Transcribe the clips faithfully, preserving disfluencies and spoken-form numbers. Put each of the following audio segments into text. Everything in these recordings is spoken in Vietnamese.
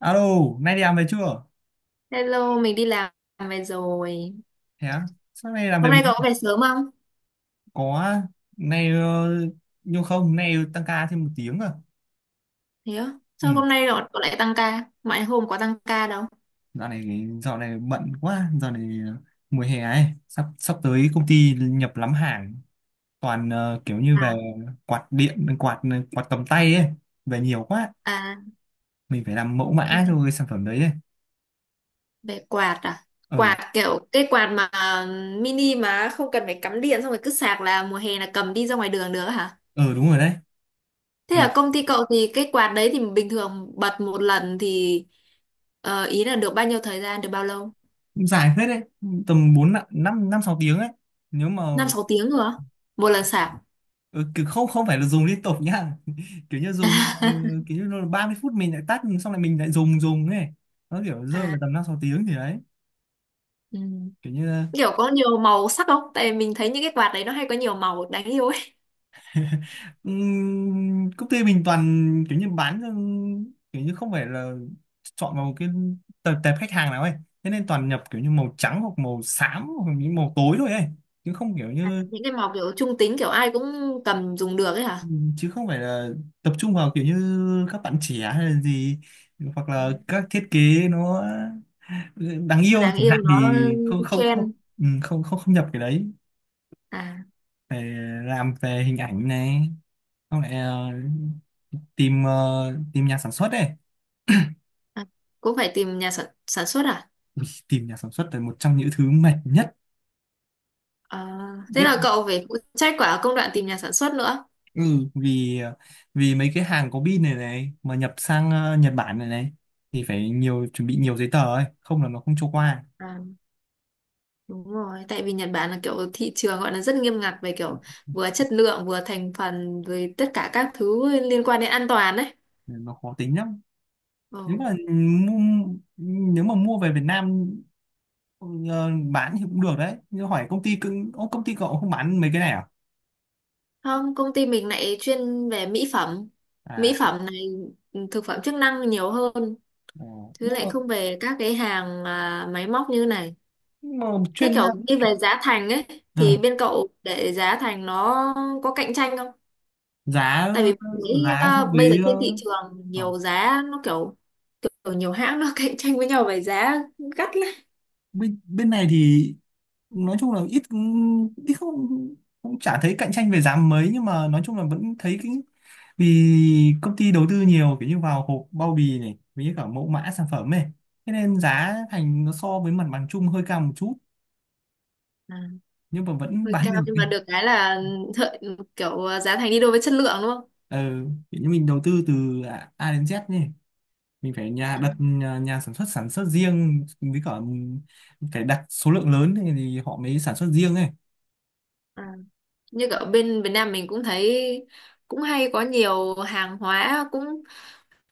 Alo, nay đi làm về chưa? Hello, mình đi làm về rồi. Thế á? Sao nay làm về Hôm nay muộn? cậu có về sớm không? Có. Nay ờ, nhưng không, nay tăng ca thêm một tiếng à. Thế á? Ừ, Sao hôm nay cậu, cậu lại tăng ca? Mọi hôm có tăng ca đâu? dạo này dạo này bận quá, dạo này ờ, mùa hè ấy, sắp sắp tới công ty nhập lắm hàng, toàn ờ, kiểu như À, về quạt điện, quạt ờ, quạt cầm tay ấy, về nhiều quá, à, mình phải làm mẫu mã cho cái sản phẩm đấy ấy. về quạt à? Ừ, Quạt kiểu cái quạt mà mini mà không cần phải cắm điện xong rồi cứ sạc là mùa hè là cầm đi ra ngoài đường được hả? ừ đúng rồi đấy, Thế vì là công ty cậu thì cái quạt đấy thì bình thường bật một lần thì ờ, ý là được bao nhiêu thời gian, được bao lâu? cũng dài phết đấy, tầm bốn năm năm năm sáu tiếng ấy. Nếu mà Năm sáu tiếng rồi á? Một lần sạc. ừ, kiểu không không phải là dùng liên tục nhá. Kiểu như dùng, ừ, kiểu như là ba mươi phút mình lại tắt xong lại mình lại dùng dùng ấy, nó kiểu rơi vào À, tầm năm sáu tiếng thì đấy, ừ. kiểu như là Kiểu có nhiều màu sắc không, tại vì mình thấy những cái quạt đấy nó hay có nhiều màu đáng yêu ấy. ừm, công ty mình toàn kiểu như bán, ừ, kiểu như không phải là chọn vào một cái tập, tệp khách hàng nào ấy, thế nên toàn nhập kiểu như màu trắng hoặc màu xám hoặc những màu tối thôi ấy, chứ không kiểu À, như những cái màu kiểu trung tính kiểu ai cũng cầm dùng được ấy hả? chứ không phải là tập trung vào kiểu như các bạn trẻ hay là gì, hoặc là các thiết kế nó đáng Mà yêu đáng chẳng yêu hạn nó thì không không không. trend. Ừ, không không không nhập cái đấy, À, phải làm về hình ảnh này, không lại ờ, tìm, ờ, tìm nhà sản xuất đây. à, cũng phải tìm nhà sản, sản xuất à? Ui, tìm nhà sản xuất là một trong những thứ mệt nhất Ờ, thế biết. là cậu phải phụ trách quả công đoạn tìm nhà sản xuất nữa. Ừ, vì ờ, vì mấy cái hàng có pin này này mà nhập sang, ờ, Nhật Bản này này thì phải nhiều chuẩn bị nhiều giấy tờ ấy, không là nó không cho qua. À, đúng rồi, tại vì Nhật Bản là kiểu thị trường gọi là rất nghiêm ngặt về kiểu vừa chất lượng vừa thành phần rồi tất cả các thứ liên quan đến an toàn. Ừ, nó khó tính lắm. Nếu Đấy. mà mua, nếu mà mua về Việt Nam. Ừ, ờ, bán thì cũng được đấy, nhưng hỏi công ty cưng ô, công ty cậu không bán mấy cái này à? Không, công ty mình lại chuyên về mỹ phẩm. À. Mỹ phẩm này, ừ, thực phẩm chức năng nhiều hơn, Ờ, chứ nhưng lại mà không về các cái hàng à, máy móc như này. nhưng mà Thế chuyên, kiểu đi về giá thành ấy thì ừ, bên cậu để giá thành nó có cạnh tranh không? giá Tại vì mình thấy giá so à, bây giờ với trên ờ, thị trường ờ, nhiều giá nó kiểu, kiểu nhiều hãng nó cạnh tranh với nhau về giá gắt lắm. bên bên này thì nói chung là ít ít không, cũng chả thấy cạnh tranh về giá mấy, nhưng mà nói chung là vẫn thấy cái, vì công ty đầu tư nhiều kiểu như vào hộp bao bì này với cả mẫu mã sản phẩm này, thế nên giá thành nó so với mặt bằng chung hơi cao một chút, À, nhưng mà vẫn hơi bán cao được nhưng mà đi. được cái là ừ, thợ, kiểu ờ, giá thành đi đôi với chất lượng đúng không? Ừ, kiểu như mình đầu tư từ A A đến Z nhỉ, mình phải nhà À, đặt nhà, nhà sản xuất sản xuất riêng, với cả phải đặt số lượng lớn thì thì họ mới sản xuất riêng ấy. à, như ở bên Việt Nam mình cũng thấy cũng hay có nhiều hàng hóa cũng,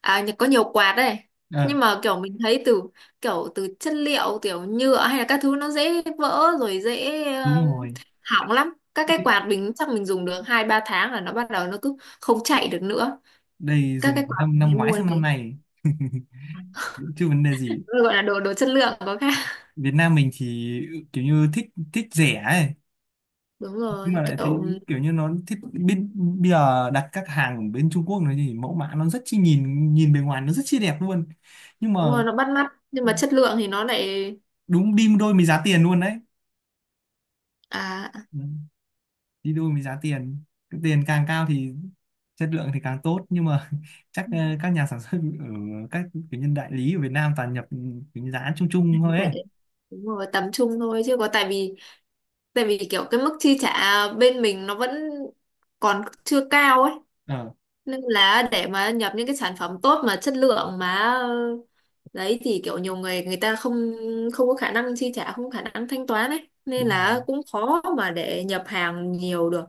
à, có nhiều quạt đây, Ờ nhưng mà kiểu mình thấy từ kiểu từ chất liệu kiểu nhựa hay là các thứ nó dễ vỡ rồi dễ um, đúng rồi, hỏng lắm. Các cái quạt mình chắc mình dùng được hai ba tháng là nó bắt đầu nó cứ không chạy được nữa, đây các dùng cái quạt năm mình năm hay ngoái mua như sang năm thế. này chứ vấn đề gì. Nó gọi là đồ đồ chất lượng có khác. Việt Nam mình thì kiểu như thích, thích rẻ ấy, Đúng nhưng mà rồi, lại thấy kiểu kiểu như nó thích bên, bây giờ đặt các hàng ở bên Trung Quốc nó thì mẫu mã nó rất chi, nhìn nhìn bề ngoài nó rất chi đẹp luôn, nhưng mà đúng rồi, nó bắt mắt nhưng mà chất lượng thì nó lại, đúng đi đôi với giá tiền luôn đấy, à, đi đôi với giá tiền. Cái tiền càng cao thì chất lượng thì càng tốt, nhưng mà chắc ờ, các nhà sản xuất ở các kiểu nhân đại lý ở Việt Nam toàn nhập cái giá chung chung thôi lại ấy. đúng rồi, tầm trung thôi chứ có, tại vì, tại vì kiểu cái mức chi trả bên mình nó vẫn còn chưa cao ấy, Ờ nên là để mà nhập những cái sản phẩm tốt mà chất lượng mà, ờ, đấy thì kiểu nhiều người người ta không, không có khả năng chi trả, không có khả năng thanh toán ấy, nên đúng là rồi. cũng khó mà để nhập hàng nhiều được.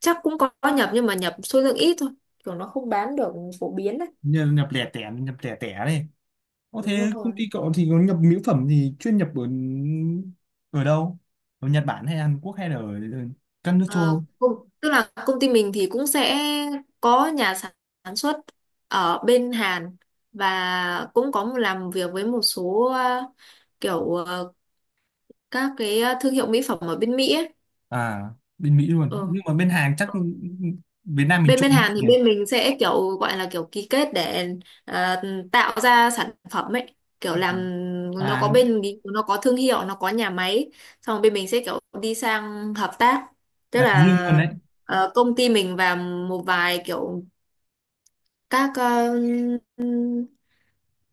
Chắc cũng có nhập nhưng mà nhập số lượng ít thôi, kiểu nó không bán được phổ biến đấy. Như nhập lẻ tẻ, nhập lẻ tẻ này, có Đúng thế công rồi. ty cậu thì có nhập mỹ phẩm thì chuyên nhập ở ở đâu, ở Nhật Bản hay Hàn Quốc hay là ở, ở các nước châu Ờ, Âu? cũng- tức là công ty mình thì cũng sẽ có nhà sản xuất ở bên Hàn, và cũng có một- làm việc với một số ờ, kiểu ờ, các cái ờ, thương hiệu mỹ phẩm ở bên Mỹ ấy. À, bên Mỹ luôn nhưng mà bên hàng chắc Ừ. Việt Nam mình bên trộn bên Hàn thì nhỉ? bên mình sẽ kiểu gọi là kiểu ký kết để ờ, tạo ra sản phẩm ấy, kiểu làm, nó có Và bên nó có thương hiệu, nó có nhà máy, xong rồi bên mình sẽ kiểu đi sang hợp tác. Tức đặt riêng luôn là đấy. ờ, công ty mình và một vài kiểu các ờ,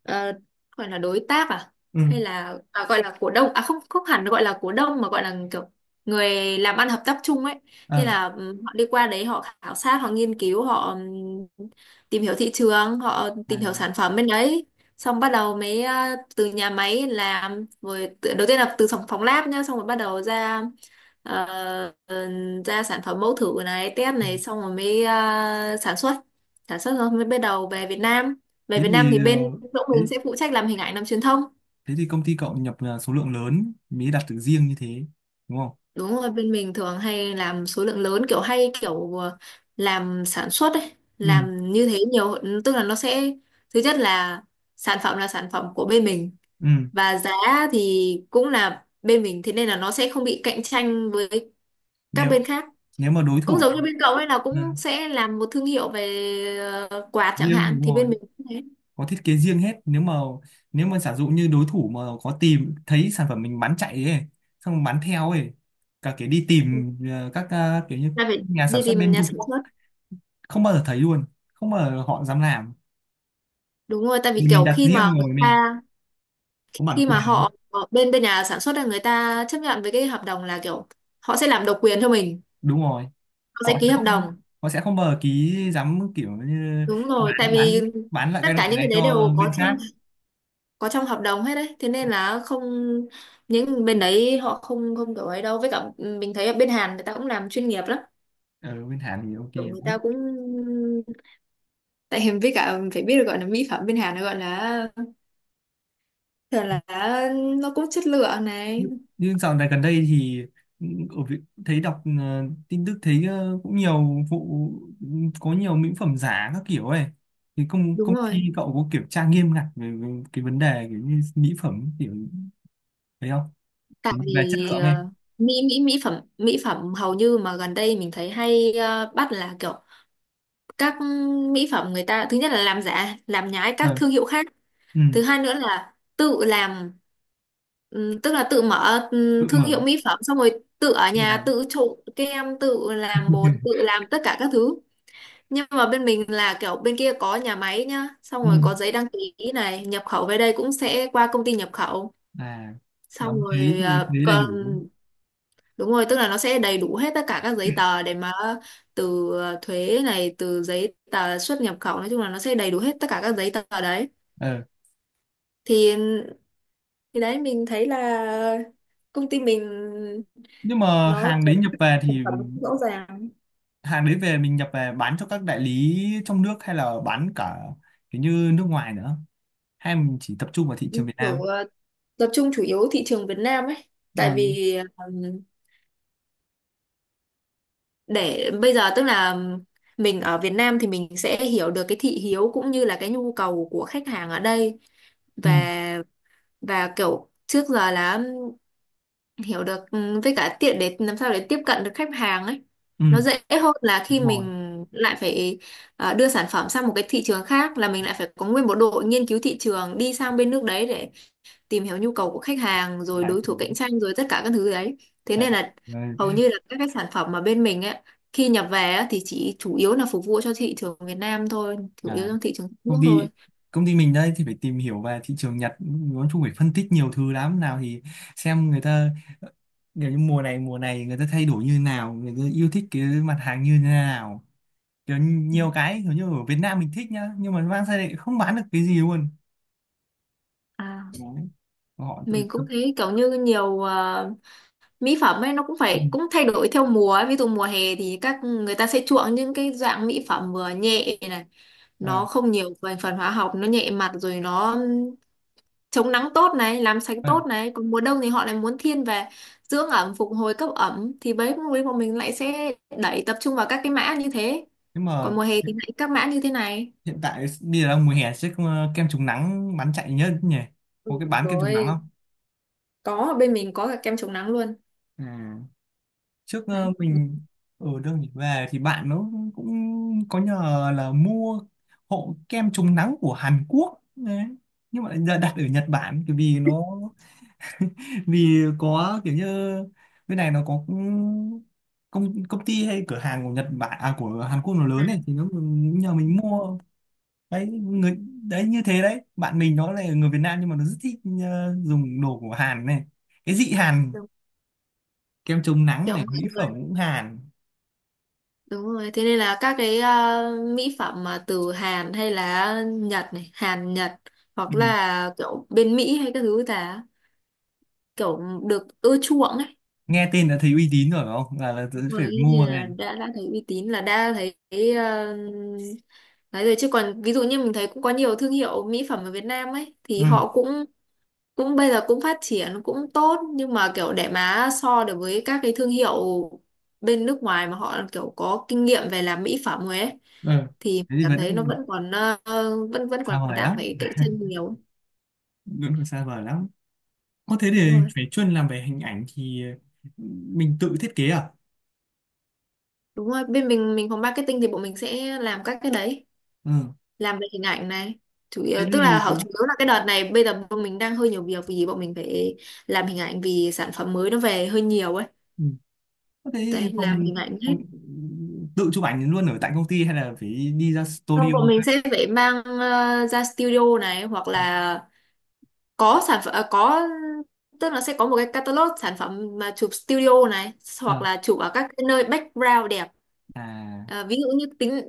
ờ, gọi là đối tác à, Ừ. hay là à, gọi là cổ đông, à không, không hẳn gọi là cổ đông mà gọi là kiểu người làm ăn hợp tác chung ấy. Ờ. Thế là ừm, họ đi qua đấy, họ khảo sát, họ nghiên cứu, họ ừm, tìm hiểu thị trường, họ tìm hiểu sản phẩm bên đấy, xong bắt đầu mới ờ, từ nhà máy làm rồi tự- đầu tiên là từ phòng phòng lab nhá, xong rồi bắt đầu ra ờ, ờ, ra sản phẩm mẫu thử này, test này, xong rồi mới ờ, sản xuất. Sản xuất rồi mới bắt đầu về Việt Nam. Về Thế Việt Nam thì thì ờ, bên chỗ thế, mình sẽ phụ trách làm hình ảnh, làm truyền thông. thế thì công ty cậu nhập là số lượng lớn mới đặt được riêng như thế đúng không? Đúng rồi, bên mình thường hay làm số lượng lớn, kiểu hay kiểu ờ, làm sản xuất ấy, Ừ. làm như thế nhiều. Tức là nó sẽ, thứ nhất là sản phẩm là sản phẩm của bên mình, Ừ. và giá thì cũng là bên mình, thế nên là nó sẽ không bị cạnh tranh với các nếu bên khác. nếu mà đối Cũng thủ, giống như bên cậu ấy là cũng ừ, sẽ làm một thương hiệu về ờ, quạt chẳng riêng thì hạn, đúng thì rồi, bên mình cũng thế, có thiết kế riêng hết. Nếu mà, nếu mà giả dụ như đối thủ mà có tìm thấy sản phẩm mình bán chạy ấy, xong bán theo ấy, cả cái đi tìm ờ, các, ờ, kiểu như là phải nhà đi sản xuất tìm bên nhà Trung sản Quốc xuất. không bao giờ thấy luôn, không bao giờ họ dám làm Đúng rồi, tại vì vì mình kiểu đặt khi mà riêng người rồi, mình ta, có bản khi mà quyền. họ họ- bên bên nhà sản xuất là người ta chấp nhận với cái hợp đồng là kiểu họ sẽ làm độc quyền cho mình, Đúng rồi, họ sẽ họ sẽ ký hợp không, đồng. họ sẽ không bờ ký, dám kiểu như Đúng rồi, tại bán bán vì bán lại tất cái cả loại những cái này đấy cho đều có bên trong, khác. có trong hợp đồng hết đấy, thế nên là không, những bên đấy họ không, không kiểu ấy đâu. Với cả ừ, mình thấy ở bên Hàn người ta cũng làm chuyên nghiệp lắm. Ở bên Hàn thì ô kê Kiểu người đấy. ta cũng tại hình với cả phải biết được, gọi là mỹ phẩm bên Hàn nó gọi là thường là nó cũng chất lượng này. Nhưng dạo này gần đây thì ở Việt, thấy đọc ờ, tin tức thấy ờ, cũng nhiều vụ, có nhiều mỹ phẩm giả các kiểu ấy, thì công Đúng công ty rồi. cậu có kiểm tra nghiêm ngặt về, về cái vấn đề kiểu như mỹ phẩm kiểu thấy không? Tại Cái- về chất vì lượng ấy. ờ, mỹ mỹ mỹ phẩm mỹ phẩm hầu như mà gần đây mình thấy hay ờ, bắt là kiểu các mỹ phẩm người ta thứ nhất là làm giả làm nhái các Ờ. thương hiệu khác, Ừ. thứ hai nữa là tự làm ừm, tức là tự mở Tự ừm, thương mở, hiệu mỹ phẩm xong rồi tự ở nhà tự. tự trộn kem, tự làm bột, tự làm tất cả các thứ. Nhưng mà bên mình là kiểu bên kia có nhà máy nhá, xong rồi Ừ. có giấy đăng ký này, nhập khẩu về đây cũng sẽ qua công ty nhập khẩu, À, xong đóng thuế rồi thì à, thuế đầy còn đủ. Đúng rồi, tức là nó sẽ đầy đủ hết tất cả các giấy tờ để mà, từ ờ, thuế này, từ giấy tờ xuất nhập khẩu, nói chung là nó sẽ đầy đủ hết tất cả các giấy tờ đấy. Ờ, Thì thì đấy mình thấy là công ty mình nhưng mà nó hàng có đấy nhập về sản thì phẩm rõ ràng, hàng đấy về mình nhập về bán cho các đại lý trong nước hay là bán cả kiểu như nước ngoài nữa, hay mình chỉ tập trung vào thị trường Việt kiểu Nam? ờ, tập trung chủ yếu thị trường Việt Nam ấy. Tại Ừ. vì ừm, để bây giờ tức là mình ở Việt Nam thì mình sẽ hiểu được cái thị hiếu cũng như là cái nhu cầu của khách hàng ở đây, Ừ. và và kiểu trước giờ là hiểu được ừ, với cả tiện để làm sao để tiếp cận được khách hàng ấy, Ừ. nó dễ hơn là khi Đúng rồi. mình lại phải ờ, đưa sản phẩm sang một cái thị trường khác, là mình lại phải có nguyên một đội nghiên cứu thị trường đi sang bên nước đấy để tìm hiểu nhu cầu của khách hàng rồi Đại đối thủ cạnh tranh rồi tất cả các thứ đấy. Thế đại nên là Đại. hầu như là các cái sản phẩm mà bên mình ấy, khi nhập về á, thì chỉ chủ yếu là phục vụ cho thị trường Việt Nam thôi, chủ yếu À, trong thị trường trong nước công ty thôi. công ty mình đây thì phải tìm hiểu về thị trường Nhật nói chung, phải phân tích nhiều thứ lắm, nào thì xem người ta kiểu như mùa này mùa này người ta thay đổi như nào, người ta yêu thích cái mặt hàng như thế nào, kiểu Ừ. nhiều cái kiểu như ở Việt Nam mình thích nhá, nhưng mà mang sang đây không bán được cái gì luôn. À, Đấy. họ tự mình tự- cũng thấy kiểu như nhiều ờ, mỹ phẩm ấy nó cũng ừ. phải cũng thay đổi theo mùa ấy. Ví dụ mùa hè thì các người ta sẽ chuộng những cái dạng mỹ phẩm vừa nhẹ này, nó Ờ. không nhiều thành phần hóa học, nó nhẹ mặt rồi nó chống nắng tốt này, làm sạch Ờ, tốt này, còn mùa đông thì họ lại muốn thiên về dưỡng ẩm, phục hồi, cấp ẩm, thì bấy lúc ấy bọn mình lại sẽ đẩy tập trung vào các cái mã như thế, nhưng mà còn mùa hè thì hiện lại các mã như thế này. hiện tại bây giờ đang mùa hè chứ, ờ, kem chống nắng bán chạy nhất nhỉ, có Ừ, cái bán kem chống nắng rồi không? có, ở bên mình có cả kem chống nắng luôn À, trước ờ, đấy. mình ở đâu nhỉ về thì bạn nó cũng có nhờ là mua hộ kem chống nắng của Hàn Quốc đấy, nhưng mà lại đặt ở Nhật Bản bởi vì nó, vì có kiểu như bên này nó có công công ty hay cửa hàng của Nhật Bản, à của Hàn Quốc nó Ừ. lớn này thì nó nhờ mình mua. Đấy người đấy như thế đấy, bạn mình nó là người Việt Nam nhưng mà nó rất thích, ờ, dùng đồ của Hàn này, cái dị Hàn, Đúng. kem chống nắng Kiểu này, mọi mỹ phẩm cũng Hàn. Đúng rồi, thế nên là các cái ờ, mỹ phẩm mà từ Hàn hay là Nhật này, Hàn Nhật hoặc Ừ. là kiểu bên Mỹ hay các thứ là kiểu được ưa chuộng ấy. Nghe tên đã thấy uy tín rồi phải không, là, là Đúng rồi, phải thế mua nên là này. đã đã thấy uy tín là đã thấy ờ, nói rồi. Chứ còn ví dụ như mình thấy cũng có nhiều thương hiệu mỹ phẩm ở Việt Nam ấy Ừ. thì họ cũng cũng bây giờ cũng phát triển cũng tốt, nhưng mà kiểu để mà so được với các cái thương hiệu bên nước ngoài mà họ kiểu có kinh nghiệm về làm mỹ phẩm rồi ấy, Ừ. thì Thế thì cảm thấy nó vẫn vẫn còn ờ, vẫn vẫn còn sao vời đang lắm. phải cạnh tranh nhiều. Vẫn còn xa vời lắm. Có thế Đúng để rồi. phải chuyên làm về hình ảnh thì, ừ, mình tự thiết kế à? Đúng rồi, bên mình mình phòng marketing thì bọn mình sẽ làm các cái đấy, Ừ. làm về hình ảnh này, chủ yếu, Thế tức thì là họ có- chủ yếu là cái đợt này bây giờ bọn mình đang hơi nhiều việc vì bọn mình phải làm hình ảnh vì sản phẩm mới nó về hơi nhiều ấy, ừ. Có thế thì đấy làm phòng, hình ảnh hết. phòng ừ, tự chụp ảnh luôn ở tại công ty hay là phải đi ra Không, studio bọn khác? mình sẽ phải mang ờ, ra studio này, hoặc là có sản phẩm à, có tức là sẽ có một cái catalog sản phẩm mà chụp studio này, hoặc Ờ. là chụp ở các cái nơi background đẹp. À. À, ví dụ như tính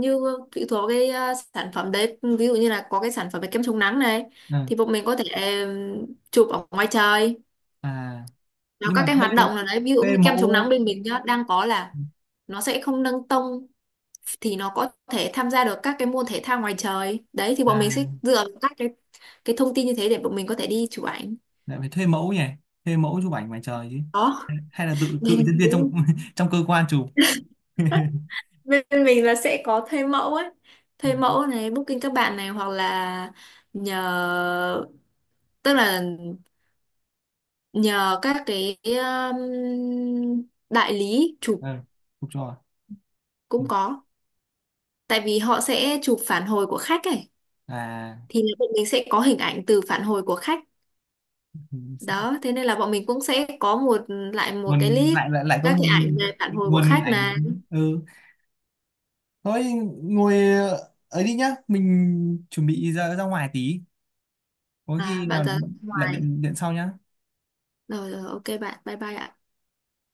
như phụ thuộc vào cái ờ, sản phẩm đấy, ví dụ như là có cái sản phẩm về kem chống nắng này À. thì bọn mình có thể ừm, chụp ở ngoài trời, À, nó nhưng các mà cái hoạt thuê động nào đấy, ví dụ thuê như kem chống nắng mẫu, bên mình nhá đang có là nó sẽ không nâng tông, thì nó có thể tham gia được các cái môn thể thao ngoài trời đấy, thì bọn mình sẽ à dựa vào các cái cái thông tin như thế để bọn mình có thể đi chụp ảnh. lại phải thuê mẫu nhỉ? Thuê mẫu chụp ảnh ngoài trời chứ. Đó. Hay là tự tự Nên nhân viên trong cũng trong cơ quan chụp? bên mình là sẽ có thuê mẫu ấy, thuê mẫu này, booking các bạn này, hoặc là nhờ, tức là nhờ các cái um, đại lý chụp. Ờ, chụp cho à? Ừ. Cũng có, tại vì họ sẽ chụp phản hồi của khách ấy, À, thì bọn mình sẽ có hình ảnh từ phản hồi của khách. ừ, Đó, thế nên là bọn mình cũng sẽ có một, lại một cái nguồn, list lại lại lại có các cái ảnh về nguồn, phản hồi của nguồn khách ảnh. này. Ừ thôi, ngồi ờ, ấy đi nhá, mình chuẩn bị ra, ra ngoài tí, có À khi bạn nào ra lại ngoài điện điện sau nhá. rồi, rồi ok bạn, bye bye ạ.